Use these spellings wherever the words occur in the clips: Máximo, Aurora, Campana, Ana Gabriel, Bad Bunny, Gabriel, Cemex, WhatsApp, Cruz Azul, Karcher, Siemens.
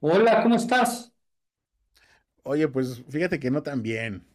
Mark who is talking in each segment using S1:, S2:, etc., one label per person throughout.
S1: Hola, ¿cómo estás?
S2: Oye, pues fíjate que no tan bien.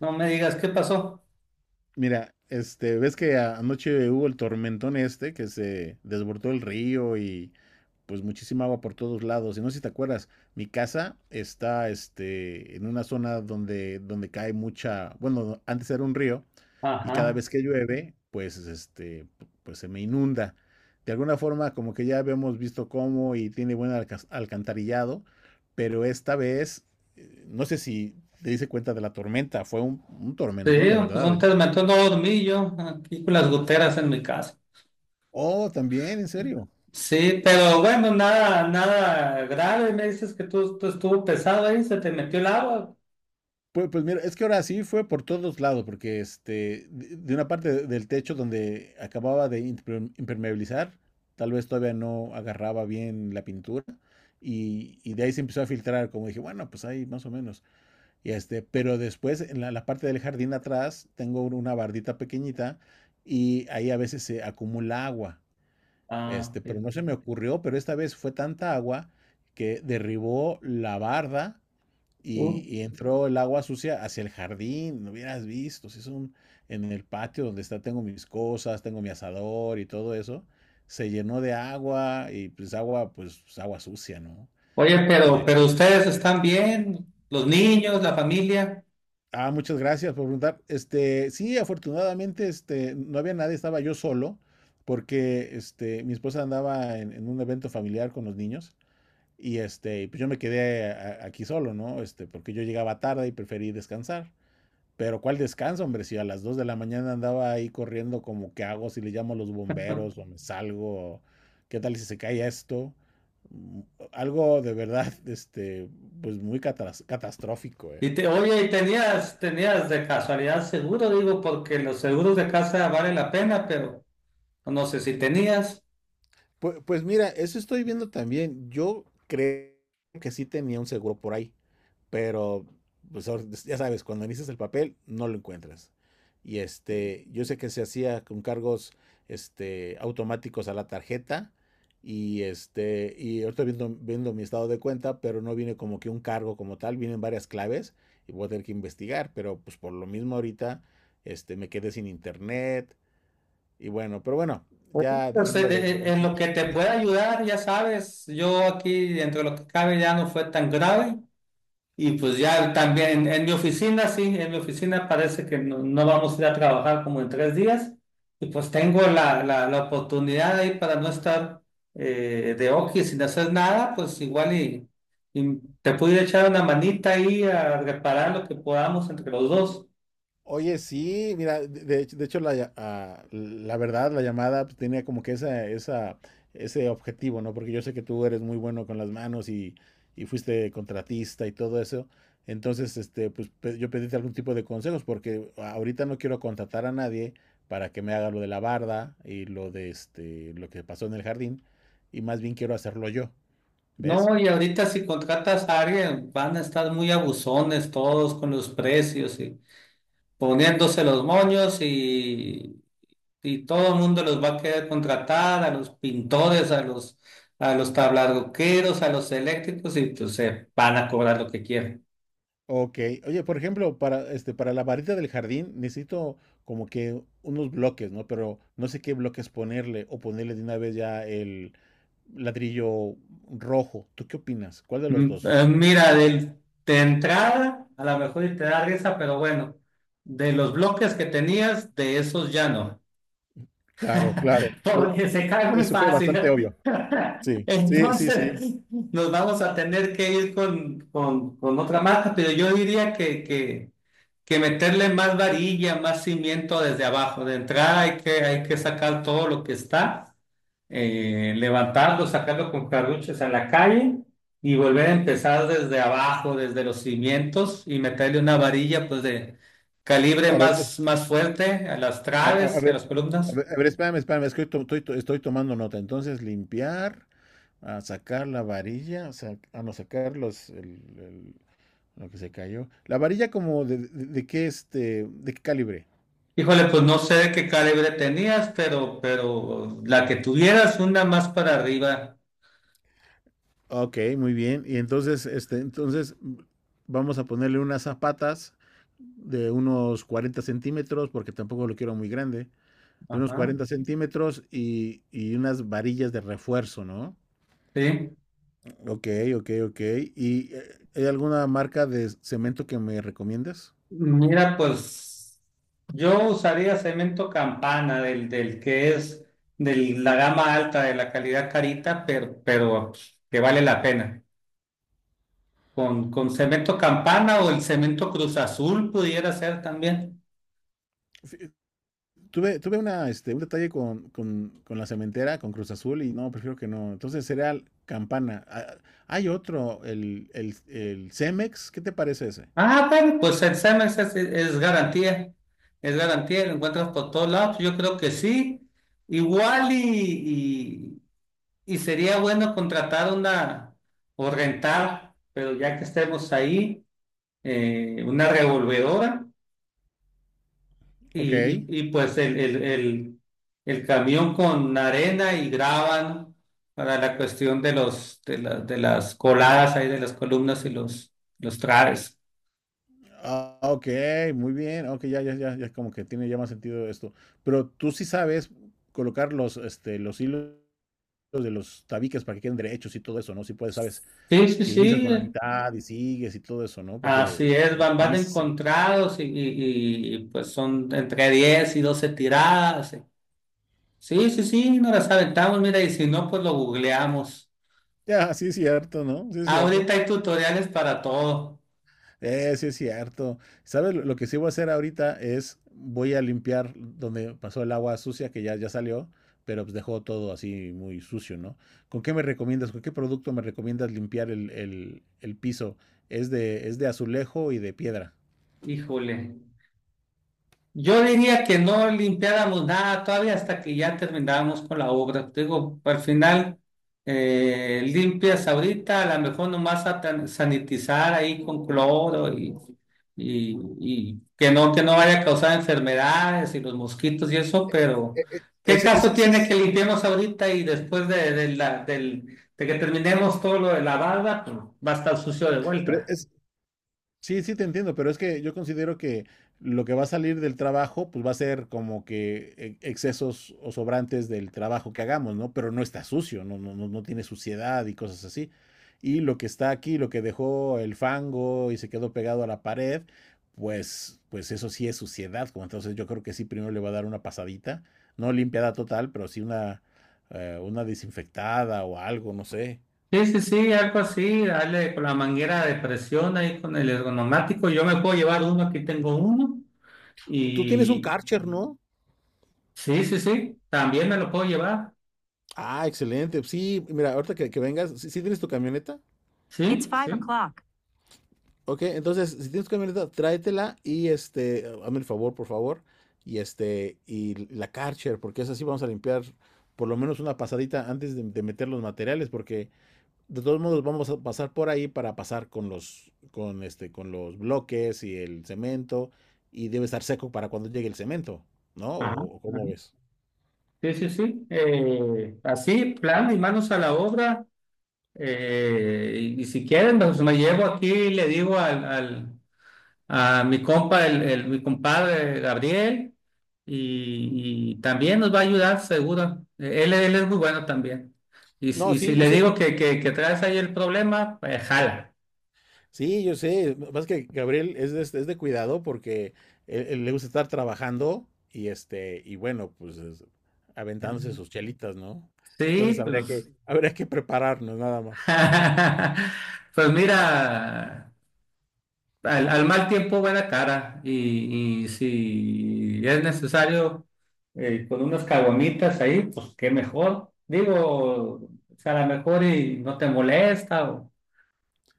S1: No me digas qué pasó.
S2: Mira, ves que anoche hubo el tormentón este que se desbordó el río y pues muchísima agua por todos lados. Y no sé si te acuerdas, mi casa está en una zona donde cae mucha, bueno, antes era un río y cada
S1: Ajá.
S2: vez que llueve, pues pues se me inunda. De alguna forma, como que ya habíamos visto cómo y tiene buen alcantarillado, pero esta vez, no sé si te diste cuenta de la tormenta, fue un
S1: Sí,
S2: tormentón de
S1: pues
S2: verdad,
S1: un
S2: ¿eh?
S1: tormento no dormí yo, aquí con las goteras en mi casa.
S2: Oh, también, en serio.
S1: Sí, pero bueno, nada, nada grave. Me dices que tú estuvo pesado ahí, se te metió el agua.
S2: Pues mira, es que ahora sí fue por todos lados, porque de una parte del techo donde acababa de impermeabilizar, tal vez todavía no agarraba bien la pintura, y de ahí se empezó a filtrar, como dije, bueno, pues ahí más o menos. Y pero después en la parte del jardín atrás tengo una bardita pequeñita y ahí a veces se acumula agua.
S1: Ah,
S2: Pero
S1: sí.
S2: no se me ocurrió, pero esta vez fue tanta agua que derribó la barda. Y,
S1: Uh.
S2: y entró el agua sucia hacia el jardín, no hubieras visto, si es un, en el patio donde está, tengo mis cosas, tengo mi asador y todo eso, se llenó de agua y pues agua sucia, ¿no?
S1: Oye,
S2: Y
S1: pero,
S2: es-
S1: pero ustedes están bien, los niños, la familia.
S2: muchas gracias por preguntar. Sí, afortunadamente, no había nadie, estaba yo solo, porque mi esposa andaba en un evento familiar con los niños y pues yo me quedé aquí solo, ¿no? Porque yo llegaba tarde y preferí descansar. Pero cuál descanso, hombre, si a las 2 de la mañana andaba ahí corriendo como qué hago, si le llamo a los bomberos o me salgo, o qué tal si se cae esto. Mm, Algo de verdad, pues muy catastrófico, eh.
S1: Oye, y tenías de casualidad seguro, digo, porque los seguros de casa vale la pena, pero no sé si tenías.
S2: Pues mira, eso estoy viendo también. Yo creo que sí tenía un seguro por ahí, pero pues ya sabes, cuando inicias el papel no lo encuentras. Yo sé que se hacía con cargos automáticos a la tarjeta y y ahorita viendo mi estado de cuenta, pero no viene como que un cargo como tal, vienen varias claves y voy a tener que investigar, pero pues por lo mismo ahorita me quedé sin internet y bueno, pero bueno,
S1: Pues,
S2: ya
S1: en,
S2: dejándole.
S1: en- en lo que te pueda ayudar, ya sabes, yo aquí dentro de lo que cabe ya no fue tan grave. Y pues ya también en mi oficina, sí, en mi oficina parece que no, no vamos a ir a trabajar como en 3 días, y pues tengo la oportunidad ahí para no estar de oqui sin hacer nada, pues igual y, y te pude echar una manita ahí a reparar lo que podamos entre los dos.
S2: Oye, sí, mira, de hecho, la verdad, la llamada pues tenía como que esa, ese objetivo, ¿no? Porque yo sé que tú eres muy bueno con las manos y fuiste contratista y todo eso. Entonces, pues yo pedíte algún tipo de consejos porque ahorita no quiero contratar a nadie para que me haga lo de la barda y lo de lo que pasó en el jardín y más bien quiero hacerlo yo, ¿ves?
S1: No, y ahorita si contratas a alguien, van a estar muy abusones todos con los precios y poniéndose los moños y, todo el mundo los va a querer contratar, a los pintores, a los tablarroqueros, a los eléctricos y pues se van a cobrar lo que quieran.
S2: Ok, oye, por ejemplo, para para la varita del jardín necesito como que unos bloques, ¿no? Pero no sé qué bloques ponerle o ponerle de una vez ya el ladrillo rojo. ¿Tú qué opinas? ¿Cuál de los dos?
S1: Mira, de entrada, a lo mejor y te da risa, pero bueno, de los bloques que tenías, de esos ya no,
S2: Claro, claro. Ya-
S1: porque se cae muy
S2: eso fue bastante
S1: fácil.
S2: obvio. Sí, sí, sí, sí.
S1: Entonces, nos vamos a tener que ir con, con otra marca, pero yo diría que, que meterle más varilla, más cimiento desde abajo. De entrada hay que sacar todo lo que está, levantarlo, sacarlo con carruches a la calle y volver a empezar desde abajo, desde los cimientos y meterle una varilla pues de calibre
S2: A ver, es-
S1: más, más fuerte a las
S2: a
S1: traves y a las
S2: ver, a
S1: columnas.
S2: ver, a ver, espérame, es que estoy tomando nota. Entonces, limpiar, a sacar la varilla, a no sacar los lo que se cayó. La varilla como de qué de qué calibre.
S1: Híjole, pues no sé de qué calibre tenías, pero la que tuvieras, una más para arriba.
S2: Ok, muy bien. Y entonces vamos a ponerle unas zapatas de unos 40 centímetros, porque tampoco lo quiero muy grande, de unos
S1: Ajá.
S2: 40 centímetros y unas varillas de refuerzo, ¿no?
S1: Sí.
S2: Ok, ok, ok. ¿Y hay alguna marca de cemento que me recomiendes?
S1: Mira, pues yo usaría cemento Campana, del que es de la gama alta, de la calidad carita, pero que vale la pena. Con, cemento Campana o el cemento Cruz Azul pudiera ser también.
S2: Fí- tuve una, un detalle con la cementera, con Cruz Azul, y no, prefiero que no. Entonces sería Campana. Ah, hay otro, el Cemex, ¿qué te parece ese?
S1: Ah, bueno, pues el Siemens es garantía, es garantía, lo encuentras por todos lados, yo creo que sí. Igual y sería bueno contratar una o rentar, pero ya que estemos ahí, una revolvedora
S2: Ok.
S1: y, y pues el, el camión con arena y graban para la cuestión de las coladas ahí, de las columnas y los traves.
S2: Ah, ok, muy bien. Ok, ya como que tiene ya más sentido esto. Pero tú sí sabes colocar los hilos de los tabiques para que queden derechos y todo eso, ¿no? Si puedes, sabes
S1: Sí, sí,
S2: que inicias
S1: sí.
S2: con la mitad y sigues y todo eso, ¿no? Porque
S1: Así es,
S2: bueno,
S1: van,
S2: a
S1: van
S2: mí sí, se-
S1: encontrados pues son entre 10 y 12 tiradas. Sí, sí, sí, nos las aventamos, mira, y si no, pues lo googleamos.
S2: ya, sí es cierto, ¿no? Sí es cierto.
S1: Ahorita hay tutoriales para todo.
S2: Sí es cierto. ¿Sabes? Lo que sí voy a hacer ahorita es voy a limpiar donde pasó el agua sucia, que ya salió, pero pues dejó todo así muy sucio, ¿no? ¿Con qué me recomiendas? ¿Con qué producto me recomiendas limpiar el piso? Es de azulejo y de piedra.
S1: Híjole. Yo diría que no limpiáramos nada todavía hasta que ya termináramos con la obra. Te digo, al final limpias ahorita, a lo mejor nomás sanitizar ahí con cloro y que no vaya a causar enfermedades y los mosquitos y eso, pero ¿qué
S2: Ese, ese,
S1: caso
S2: ese
S1: tiene que
S2: es,
S1: limpiemos ahorita y después de que terminemos todo lo de la barda, pues va a estar sucio de
S2: pero
S1: vuelta?
S2: es- sí, sí, te entiendo, pero es que yo considero que lo que va a salir del trabajo, pues va a ser como que excesos o sobrantes del trabajo que hagamos, ¿no? Pero no está sucio, no, no, no tiene suciedad y cosas así. Y lo que está aquí, lo que dejó el fango y se quedó pegado a la pared, pues eso sí es suciedad, como entonces yo creo que sí primero le va a dar una pasadita, no limpiada total, pero sí una desinfectada o algo, no sé.
S1: Sí, sí, sí, algo así, dale con la manguera de presión ahí con el ergonomático. Yo me puedo llevar uno, aquí tengo uno.
S2: Tú tienes un
S1: Y
S2: Karcher, ¿no?
S1: sí, sí, sí, también me lo puedo llevar.
S2: Ah, excelente. Sí, mira, ahorita que vengas, ¿si tienes tu camioneta? It's
S1: Sí,
S2: five
S1: sí.
S2: o'clock. Ok, entonces, si tienes tu camioneta, tráetela y hazme el favor, por favor, y la Karcher, porque es así, vamos a limpiar por lo menos una pasadita antes de meter los materiales, porque de todos modos vamos a pasar por ahí para pasar con los bloques y el cemento, y debe estar seco para cuando llegue el cemento, ¿no?
S1: Ajá,
S2: ¿O cómo
S1: ajá.
S2: ves?
S1: Sí, sí, sí. Así, plan y manos a la obra. Y, si quieren, pues me llevo aquí y le digo al, a mi compa, mi compadre Gabriel, y, también nos va a ayudar, seguro. Él es muy bueno también. Y, si
S2: No,
S1: y
S2: sí,
S1: si
S2: yo
S1: le
S2: sé.
S1: digo que, que traes ahí el problema, pues jala.
S2: Sí, yo sé. Más que Gabriel es de cuidado porque él le gusta estar trabajando y bueno, pues es- aventándose sus chelitas, ¿no? Entonces
S1: Sí,
S2: habría
S1: pues.
S2: que, habría que prepararnos nada más.
S1: Pues mira, al mal tiempo buena cara. Y si es necesario con unas caguamitas ahí, pues qué mejor. Digo, o sea, a lo mejor y no te molesta.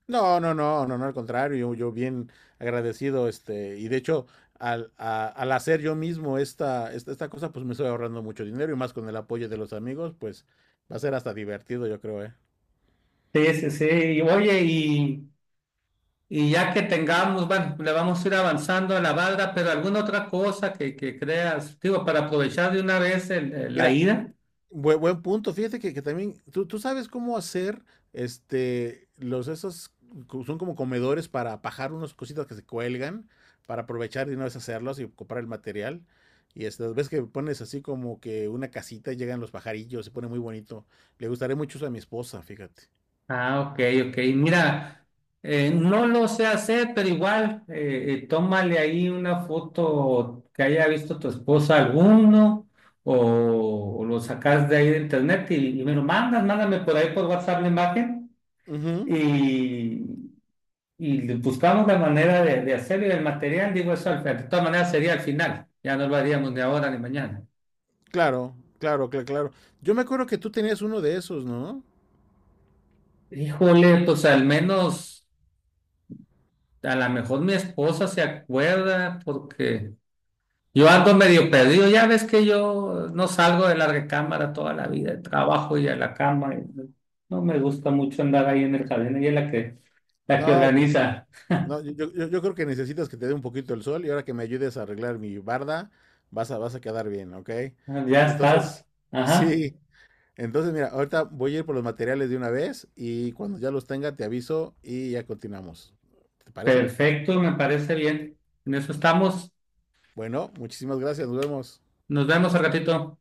S2: No, no, no, no, no, al contrario, yo bien agradecido, y de hecho, al hacer yo mismo esta cosa, pues me estoy ahorrando mucho dinero y más con el apoyo de los amigos, pues va a ser hasta divertido, yo creo, ¿eh?
S1: Sí, sí, sí. Oye, y ya que tengamos, bueno, le vamos a ir avanzando a la barra, pero alguna otra cosa que, creas, digo, para aprovechar de una vez la
S2: Mira,
S1: ida.
S2: Buen punto, fíjate que también, tú sabes cómo hacer, este, los esos, son como comedores para pajar unas cositas que se cuelgan, para aprovechar y no deshacerlos y comprar el material. Y estas ves que pones así como que una casita y llegan los pajarillos, se pone muy bonito. Le gustaría mucho eso a mi esposa, fíjate.
S1: Ah, ok, ok. Mira, no lo sé hacer, pero igual, tómale ahí una foto que haya visto tu esposa alguno, o lo sacas de ahí de internet y, me lo mandas, mándame por ahí por WhatsApp la imagen.
S2: Ujú,
S1: Y buscamos la manera de, hacerlo y el material, digo eso, de todas maneras sería al final, ya no lo haríamos ni ahora ni mañana.
S2: claro, claro, claro, claro. Yo me acuerdo que tú tenías uno de esos, ¿no?
S1: Híjole, pues al menos, a lo mejor mi esposa se acuerda porque yo ando medio perdido, ya ves que yo no salgo de la recámara toda la vida, trabajo y a la cama, y no me gusta mucho andar ahí en el jardín, ella es la que
S2: No,
S1: organiza.
S2: no, yo creo que necesitas que te dé un poquito el sol, y ahora que me ayudes a arreglar mi barda, vas a quedar bien, ¿ok?
S1: Ah, ya
S2: Entonces,
S1: estás, ajá,
S2: sí, entonces mira, ahorita voy a ir por los materiales de una vez, y cuando ya los tenga te aviso y ya continuamos. ¿Te parece?
S1: perfecto, me parece bien, en eso estamos,
S2: Bueno, muchísimas gracias, nos vemos.
S1: nos vemos al ratito.